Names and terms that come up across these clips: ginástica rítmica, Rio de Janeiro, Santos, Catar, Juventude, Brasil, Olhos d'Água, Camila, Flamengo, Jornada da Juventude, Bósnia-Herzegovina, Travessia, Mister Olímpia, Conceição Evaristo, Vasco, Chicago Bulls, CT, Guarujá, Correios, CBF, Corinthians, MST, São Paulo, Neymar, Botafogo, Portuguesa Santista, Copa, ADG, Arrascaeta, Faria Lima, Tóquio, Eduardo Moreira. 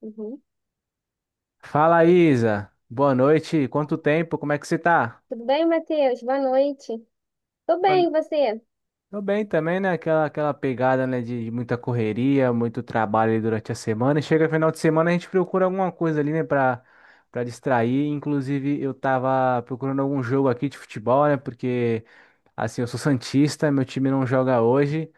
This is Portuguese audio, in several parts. Uhum. Fala, Isa. Boa noite. Quanto tempo? Como é que você tá? Tudo bem, Matheus? Boa noite. Tô Boa bem, e no- você? Tô bem também, né? Aquela pegada, né, de muita correria, muito trabalho ali durante a semana. E chega final de semana, a gente procura alguma coisa ali, né, pra distrair. Inclusive, eu tava procurando algum jogo aqui de futebol, né? Porque, assim, eu sou santista, meu time não joga hoje.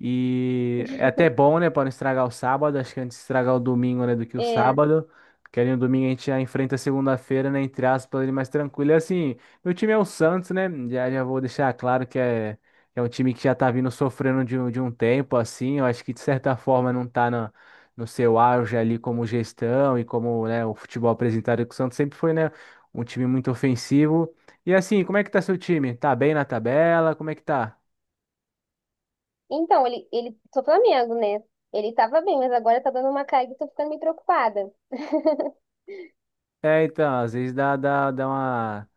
E é até bom, né, para não estragar o sábado. Acho que antes de estragar o domingo, né, do que o É. sábado. Porque ali no domingo a gente já enfrenta a segunda-feira, né, entre aspas, ali mais tranquilo. E assim, meu time é o Santos, né? Já vou deixar claro que é, é um time que já tá vindo sofrendo de, de um tempo, assim. Eu acho que de certa forma não tá na, no seu auge ali como gestão e como, né, o futebol apresentado que o Santos sempre foi, né, um time muito ofensivo. E assim, como é que tá seu time? Tá bem na tabela? Como é que tá? Então, sou Flamengo, né? Ele tava bem, mas agora tá dando uma caída e tô ficando meio preocupada. É, então, às vezes dá uma.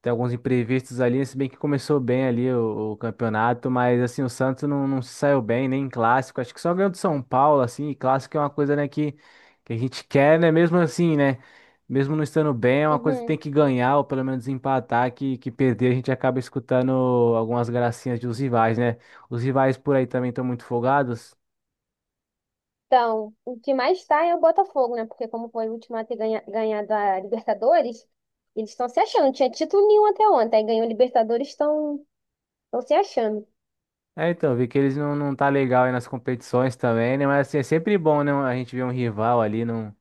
Tem alguns imprevistos ali, se bem que começou bem ali o campeonato, mas assim, o Santos não, não se saiu bem, nem em clássico. Acho que só ganhou do São Paulo, assim, e clássico é uma coisa, né, que a gente quer, né? Mesmo assim, né? Mesmo não estando bem, é uma coisa que Uhum. tem que ganhar, ou pelo menos empatar, que perder a gente acaba escutando algumas gracinhas dos rivais, né? Os rivais por aí também estão muito folgados. Então, o que mais está é o Botafogo, né? Porque como foi o último a ter ganhado a Libertadores, eles estão se achando. Não tinha título nenhum até ontem. Aí ganhou a Libertadores, estão se achando. É, então, vi que eles não, não tá legal aí nas competições também, né? Mas assim, é sempre bom, né? A gente ver um rival ali, não,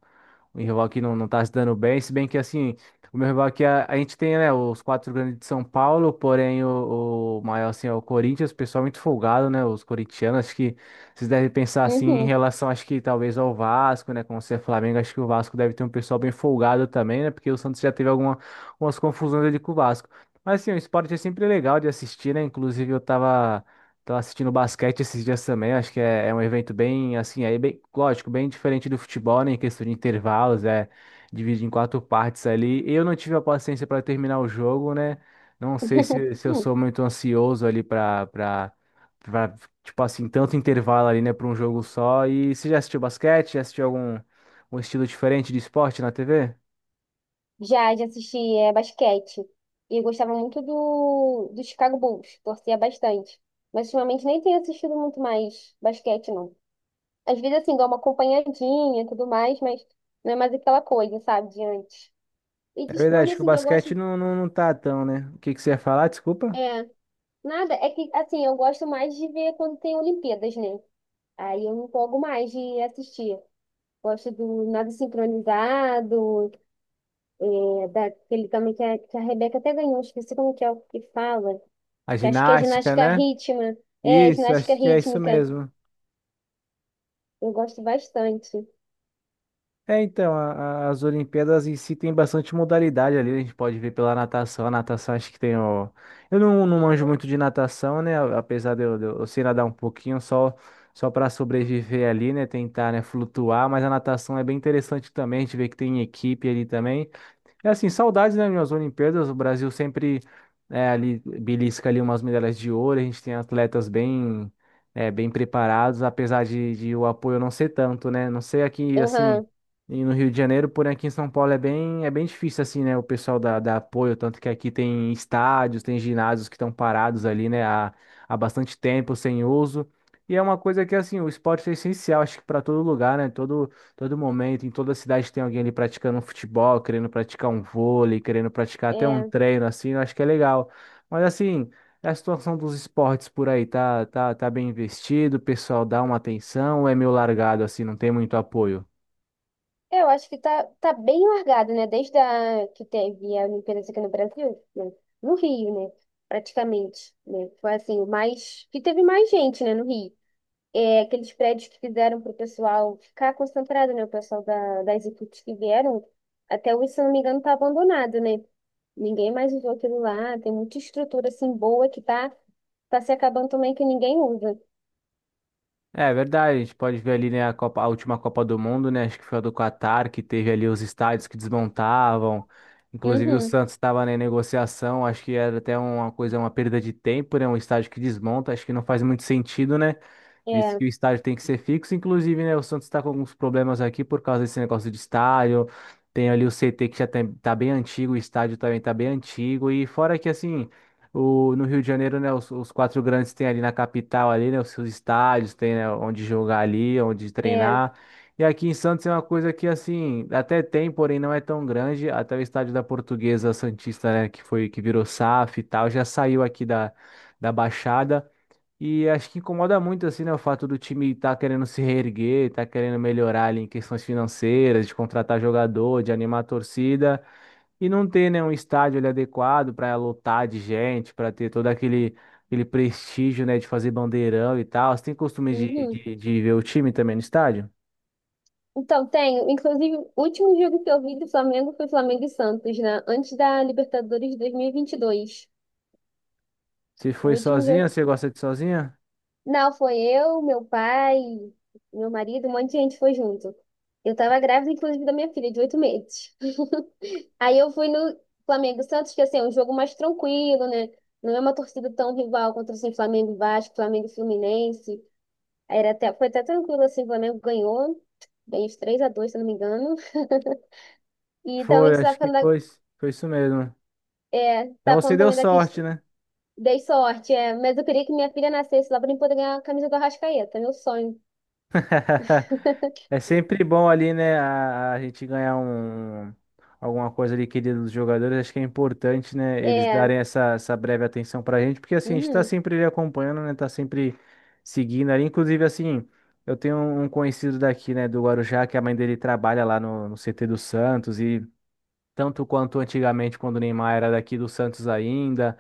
um rival que não, não tá se dando bem, se bem que assim, o meu rival aqui, a gente tem, né, os quatro grandes de São Paulo, porém o maior, assim, é o Corinthians, o pessoal é muito folgado, né? Os corintianos, acho que vocês devem pensar assim em Uhum. relação, acho que talvez ao Vasco, né? Como você é Flamengo, acho que o Vasco deve ter um pessoal bem folgado também, né? Porque o Santos já teve alguma, algumas confusões ali com o Vasco. Mas assim, o esporte é sempre legal de assistir, né? Inclusive eu tava. Tô assistindo basquete esses dias também, acho que é, é um evento bem, assim, aí bem, lógico, bem diferente do futebol, né, em questão de intervalos, é dividido em quatro partes ali. Eu não tive a paciência para terminar o jogo, né? Não sei se, se eu sou muito ansioso ali para tipo assim, tanto intervalo ali, né, para um jogo só. E você já assistiu basquete? Já assistiu algum um estilo diferente de esporte na TV? Já assisti basquete. E eu gostava muito do Chicago Bulls. Torcia bastante. Mas ultimamente nem tenho assistido muito mais basquete, não. Às vezes, assim, dou uma acompanhadinha e tudo mais, mas não é mais aquela coisa, sabe, de antes. E É de esporte, verdade que o assim, que eu basquete gosto. não, não, não tá tão, né? O que que você ia falar? Desculpa. é Nada, é que assim, eu gosto mais de ver quando tem Olimpíadas, né? Aí eu me empolgo mais de assistir. Gosto do nado sincronizado, daquele também que a Rebeca até ganhou, esqueci como que é o que fala, A que acho que é ginástica, ginástica né? rítmica. É, Isso, ginástica acho que é isso rítmica. mesmo. Eu gosto bastante. É, então, as Olimpíadas em si tem bastante modalidade ali, a gente pode ver pela natação, a natação acho que tem o... Eu não, não manjo muito de natação, né, apesar de eu, de eu sei nadar um pouquinho, só, só para sobreviver ali, né, tentar, né, flutuar, mas a natação é bem interessante também, a gente vê que tem equipe ali também, é assim, saudades, né, minhas Olimpíadas, o Brasil sempre é, ali belisca ali umas medalhas de ouro, a gente tem atletas bem é, bem preparados, apesar de o apoio não ser tanto, né? Não sei aqui assim Aham, e no Rio de Janeiro, porém aqui em São Paulo é bem difícil assim, né, o pessoal da, da apoio, tanto que aqui tem estádios, tem ginásios que estão parados ali, né, há, há bastante tempo sem uso. E é uma coisa que assim, o esporte é essencial, acho que para todo lugar, né? Todo momento, em toda cidade tem alguém ali praticando um futebol, querendo praticar um vôlei, querendo praticar até um é. treino, assim, eu acho que é legal. Mas assim, a situação dos esportes por aí tá bem investido, o pessoal dá uma atenção, ou é meio largado, assim, não tem muito apoio? Eu acho que tá bem largado, né? Desde que teve a Olimpíadas aqui no Brasil, né? No Rio, né? Praticamente, né? Foi assim, que teve mais gente, né, no Rio. Aqueles prédios que fizeram para o pessoal ficar concentrado, né? O pessoal das equipes que vieram, até hoje, se não me engano, está abandonado, né? Ninguém mais usou aquilo lá. Tem muita estrutura assim boa que tá se acabando também que ninguém usa. É verdade, a gente pode ver ali, né, a a última Copa do Mundo, né, acho que foi a do Catar, que teve ali os estádios que desmontavam, inclusive o Uhum, Santos estava, né, em negociação, acho que era até uma coisa, uma perda de tempo, né, um estádio que desmonta, acho que não faz muito sentido, né, visto é, que o estádio tem que ser fixo. Inclusive, né, o Santos está com alguns problemas aqui por causa desse negócio de estádio. Tem ali o CT que já tem, tá bem antigo, o estádio também tá bem antigo. E fora que, assim, o, no Rio de Janeiro, né, os quatro grandes têm ali na capital, ali, né, os seus estádios, tem, né, onde jogar ali, onde é, treinar. E aqui em Santos é uma coisa que, assim, até tem, porém não é tão grande. Até o estádio da Portuguesa Santista, né, que foi, que virou SAF e tal, já saiu aqui da, da Baixada. E acho que incomoda muito, assim, né, o fato do time estar querendo se reerguer, estar querendo melhorar ali em questões financeiras, de contratar jogador, de animar a torcida, e não ter, né, um estádio ali adequado para lotar de gente, para ter todo aquele, aquele prestígio, né, de fazer bandeirão e tal. Você tem costume de, uhum. de, de ver o time também no estádio? Então, tenho. Inclusive, o último jogo que eu vi do Flamengo foi Flamengo e Santos, né? Antes da Libertadores de 2022. Você O foi último sozinha? jogo Você gosta de sozinha? Não, foi eu, meu pai, meu marido, um monte de gente foi junto. Eu tava grávida, inclusive, da minha filha, de 8 meses. Aí eu fui no Flamengo e Santos, que assim, é um jogo mais tranquilo, né? Não é uma torcida tão rival contra assim, Flamengo e Vasco, Flamengo e Fluminense. Aí era até, foi até tranquilo, assim, o Flamengo ganhou, bem, os 3-2, se eu não me engano. E também Foi, que você tá acho que falando, foi. Foi isso mesmo. Então tá você falando deu também da sorte, questão. né? Dei sorte, é, mas eu queria que minha filha nascesse lá pra mim poder ganhar a camisa do Arrascaeta, meu sonho. É sempre bom ali, né, a gente ganhar alguma coisa ali querida dos jogadores. Acho que é importante, né, eles É, darem essa, essa breve atenção pra gente, porque assim, a gente tá uhum, sempre ali acompanhando, né, tá sempre seguindo ali. Inclusive, assim, eu tenho um conhecido daqui, né, do Guarujá, que a mãe dele trabalha lá no, no CT do Santos e tanto quanto antigamente, quando o Neymar era daqui do Santos ainda,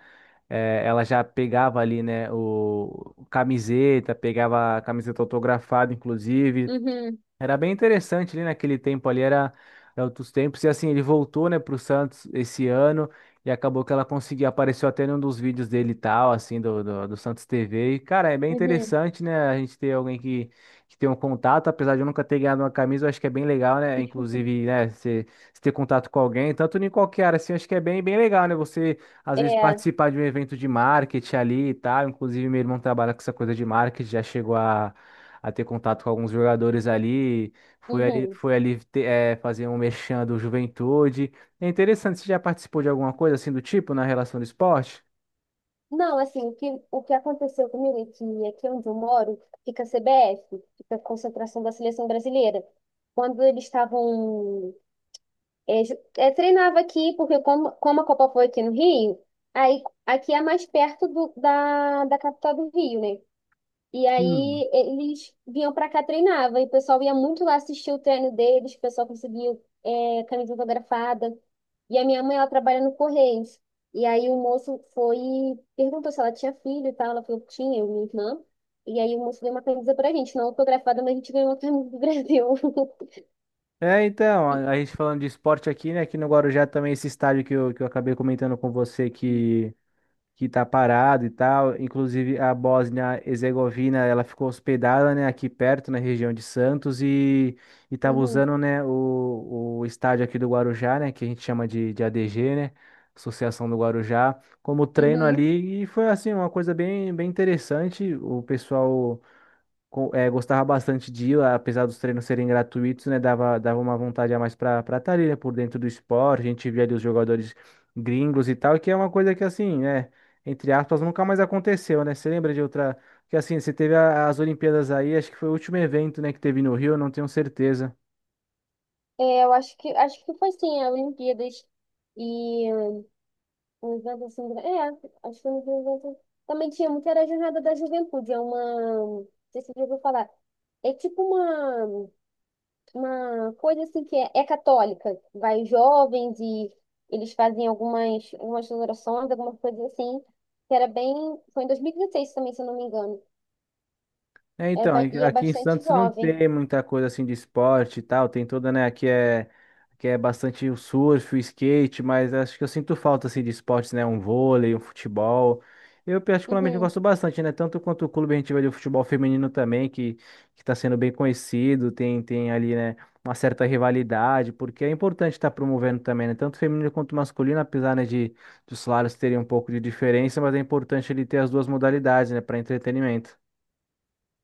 ela já pegava ali, né, o camiseta, pegava a camiseta autografada, inclusive. uhum. Era bem interessante ali naquele tempo ali, era, era outros tempos. E assim, ele voltou, né, pro Santos esse ano e acabou que ela conseguiu, apareceu até num dos vídeos dele e tal, assim, do Santos TV. E, cara, é bem Uhum, interessante, né, a gente ter alguém que tem um contato, apesar de eu nunca ter ganhado uma camisa, eu acho que é bem legal, né, inclusive, né, você ter contato com alguém, tanto em qualquer área, assim, eu acho que é bem, bem legal, né, você, às vezes, é, participar de um evento de marketing ali e tal. Inclusive, meu irmão trabalha com essa coisa de marketing, já chegou a ter contato com alguns jogadores ali. Foi ali, uhum. foi ali fazer um merchan do Juventude. É interessante, você já participou de alguma coisa assim do tipo na relação do esporte? Não, assim, o que aconteceu comigo é que aqui onde eu moro fica a CBF, fica a concentração da seleção brasileira. Quando eles estavam. É, treinava aqui, porque como a Copa foi aqui no Rio, aí aqui é mais perto da capital do Rio, né? E Sim. aí eles vinham pra cá, treinava, e o pessoal ia muito lá assistir o treino deles, o pessoal conseguiu camisa autografada. E a minha mãe, ela trabalha no Correios. E aí o moço foi e perguntou se ela tinha filho e tal. Ela falou que tinha, eu e minha irmã. E aí o moço deu uma camisa pra gente, não autografada, mas a gente ganhou uma camisa do Brasil. É, então, E- a gente falando de esporte aqui, né? Aqui no Guarujá também esse estádio que eu acabei comentando com você que tá parado e tal. Inclusive a Bósnia-Herzegovina, ela ficou hospedada, né, aqui perto na região de Santos e tava Uhum, usando, né, o estádio aqui do Guarujá, né, que a gente chama de ADG, né, Associação do Guarujá, como treino uhum. ali e foi assim uma coisa bem bem interessante. O pessoal gostava bastante de ir, apesar dos treinos serem gratuitos, né? Dava, dava uma vontade a mais para estar ali, né? Por dentro do esporte, a gente via ali os jogadores gringos e tal, que é uma coisa que assim, né? Entre aspas, nunca mais aconteceu, né? Você lembra de outra? Que assim, você teve as Olimpíadas aí, acho que foi o último evento, né, que teve no Rio, eu não tenho certeza. É, eu acho que foi sim, a Olimpíadas e um evento assim, acho que um evento. Também tinha muito, era a Jornada da Juventude, é uma, não sei se você já ouviu falar. É tipo uma coisa assim que é católica. Vai jovens e eles fazem algumas orações, algumas coisas assim, que era bem. Foi em 2016 também, se eu não me engano. É, É, então, aqui e é aqui em bastante Santos não jovem. tem muita coisa assim de esporte e tal, tem toda, né, aqui é bastante o surf, o skate, mas acho que eu sinto falta assim de esportes, né, um vôlei, um futebol. Eu particularmente Uhum, gosto bastante, né, tanto quanto o clube a gente vê de futebol feminino também, que está sendo bem conhecido, tem tem ali, né, uma certa rivalidade, porque é importante estar promovendo também, né, tanto feminino quanto masculino, apesar, né, de dos salários terem um pouco de diferença, mas é importante ele ter as duas modalidades, né, para entretenimento.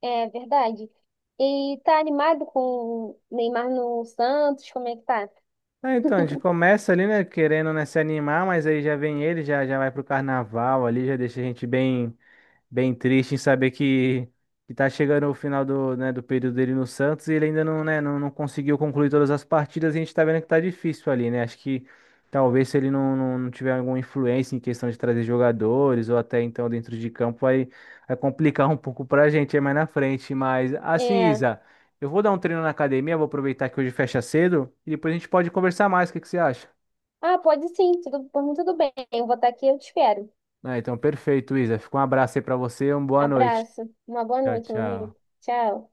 é verdade. E tá animado com o Neymar no Santos? Como é que tá? É, então, a gente começa ali, né, querendo, né, se animar, mas aí já vem ele, já vai pro carnaval ali, já deixa a gente bem. Bem triste em saber que tá chegando o final do, né, do período dele no Santos e ele ainda não, né, não, não conseguiu concluir todas as partidas e a gente tá vendo que tá difícil ali, né? Acho que talvez se ele não, não, não tiver alguma influência em questão de trazer jogadores ou até então dentro de campo vai, vai complicar um pouco pra gente aí mais na frente. Mas assim, É. Isa, eu vou dar um treino na academia, vou aproveitar que hoje fecha cedo e depois a gente pode conversar mais. O que que você acha? Ah, pode sim, tudo, por mim tudo bem. Eu vou estar aqui, eu te espero. Ah, então perfeito, Isa. Fica um abraço aí pra você e uma boa noite. Abraço. Uma boa Tchau, noite, meu amigo. tchau. Tchau.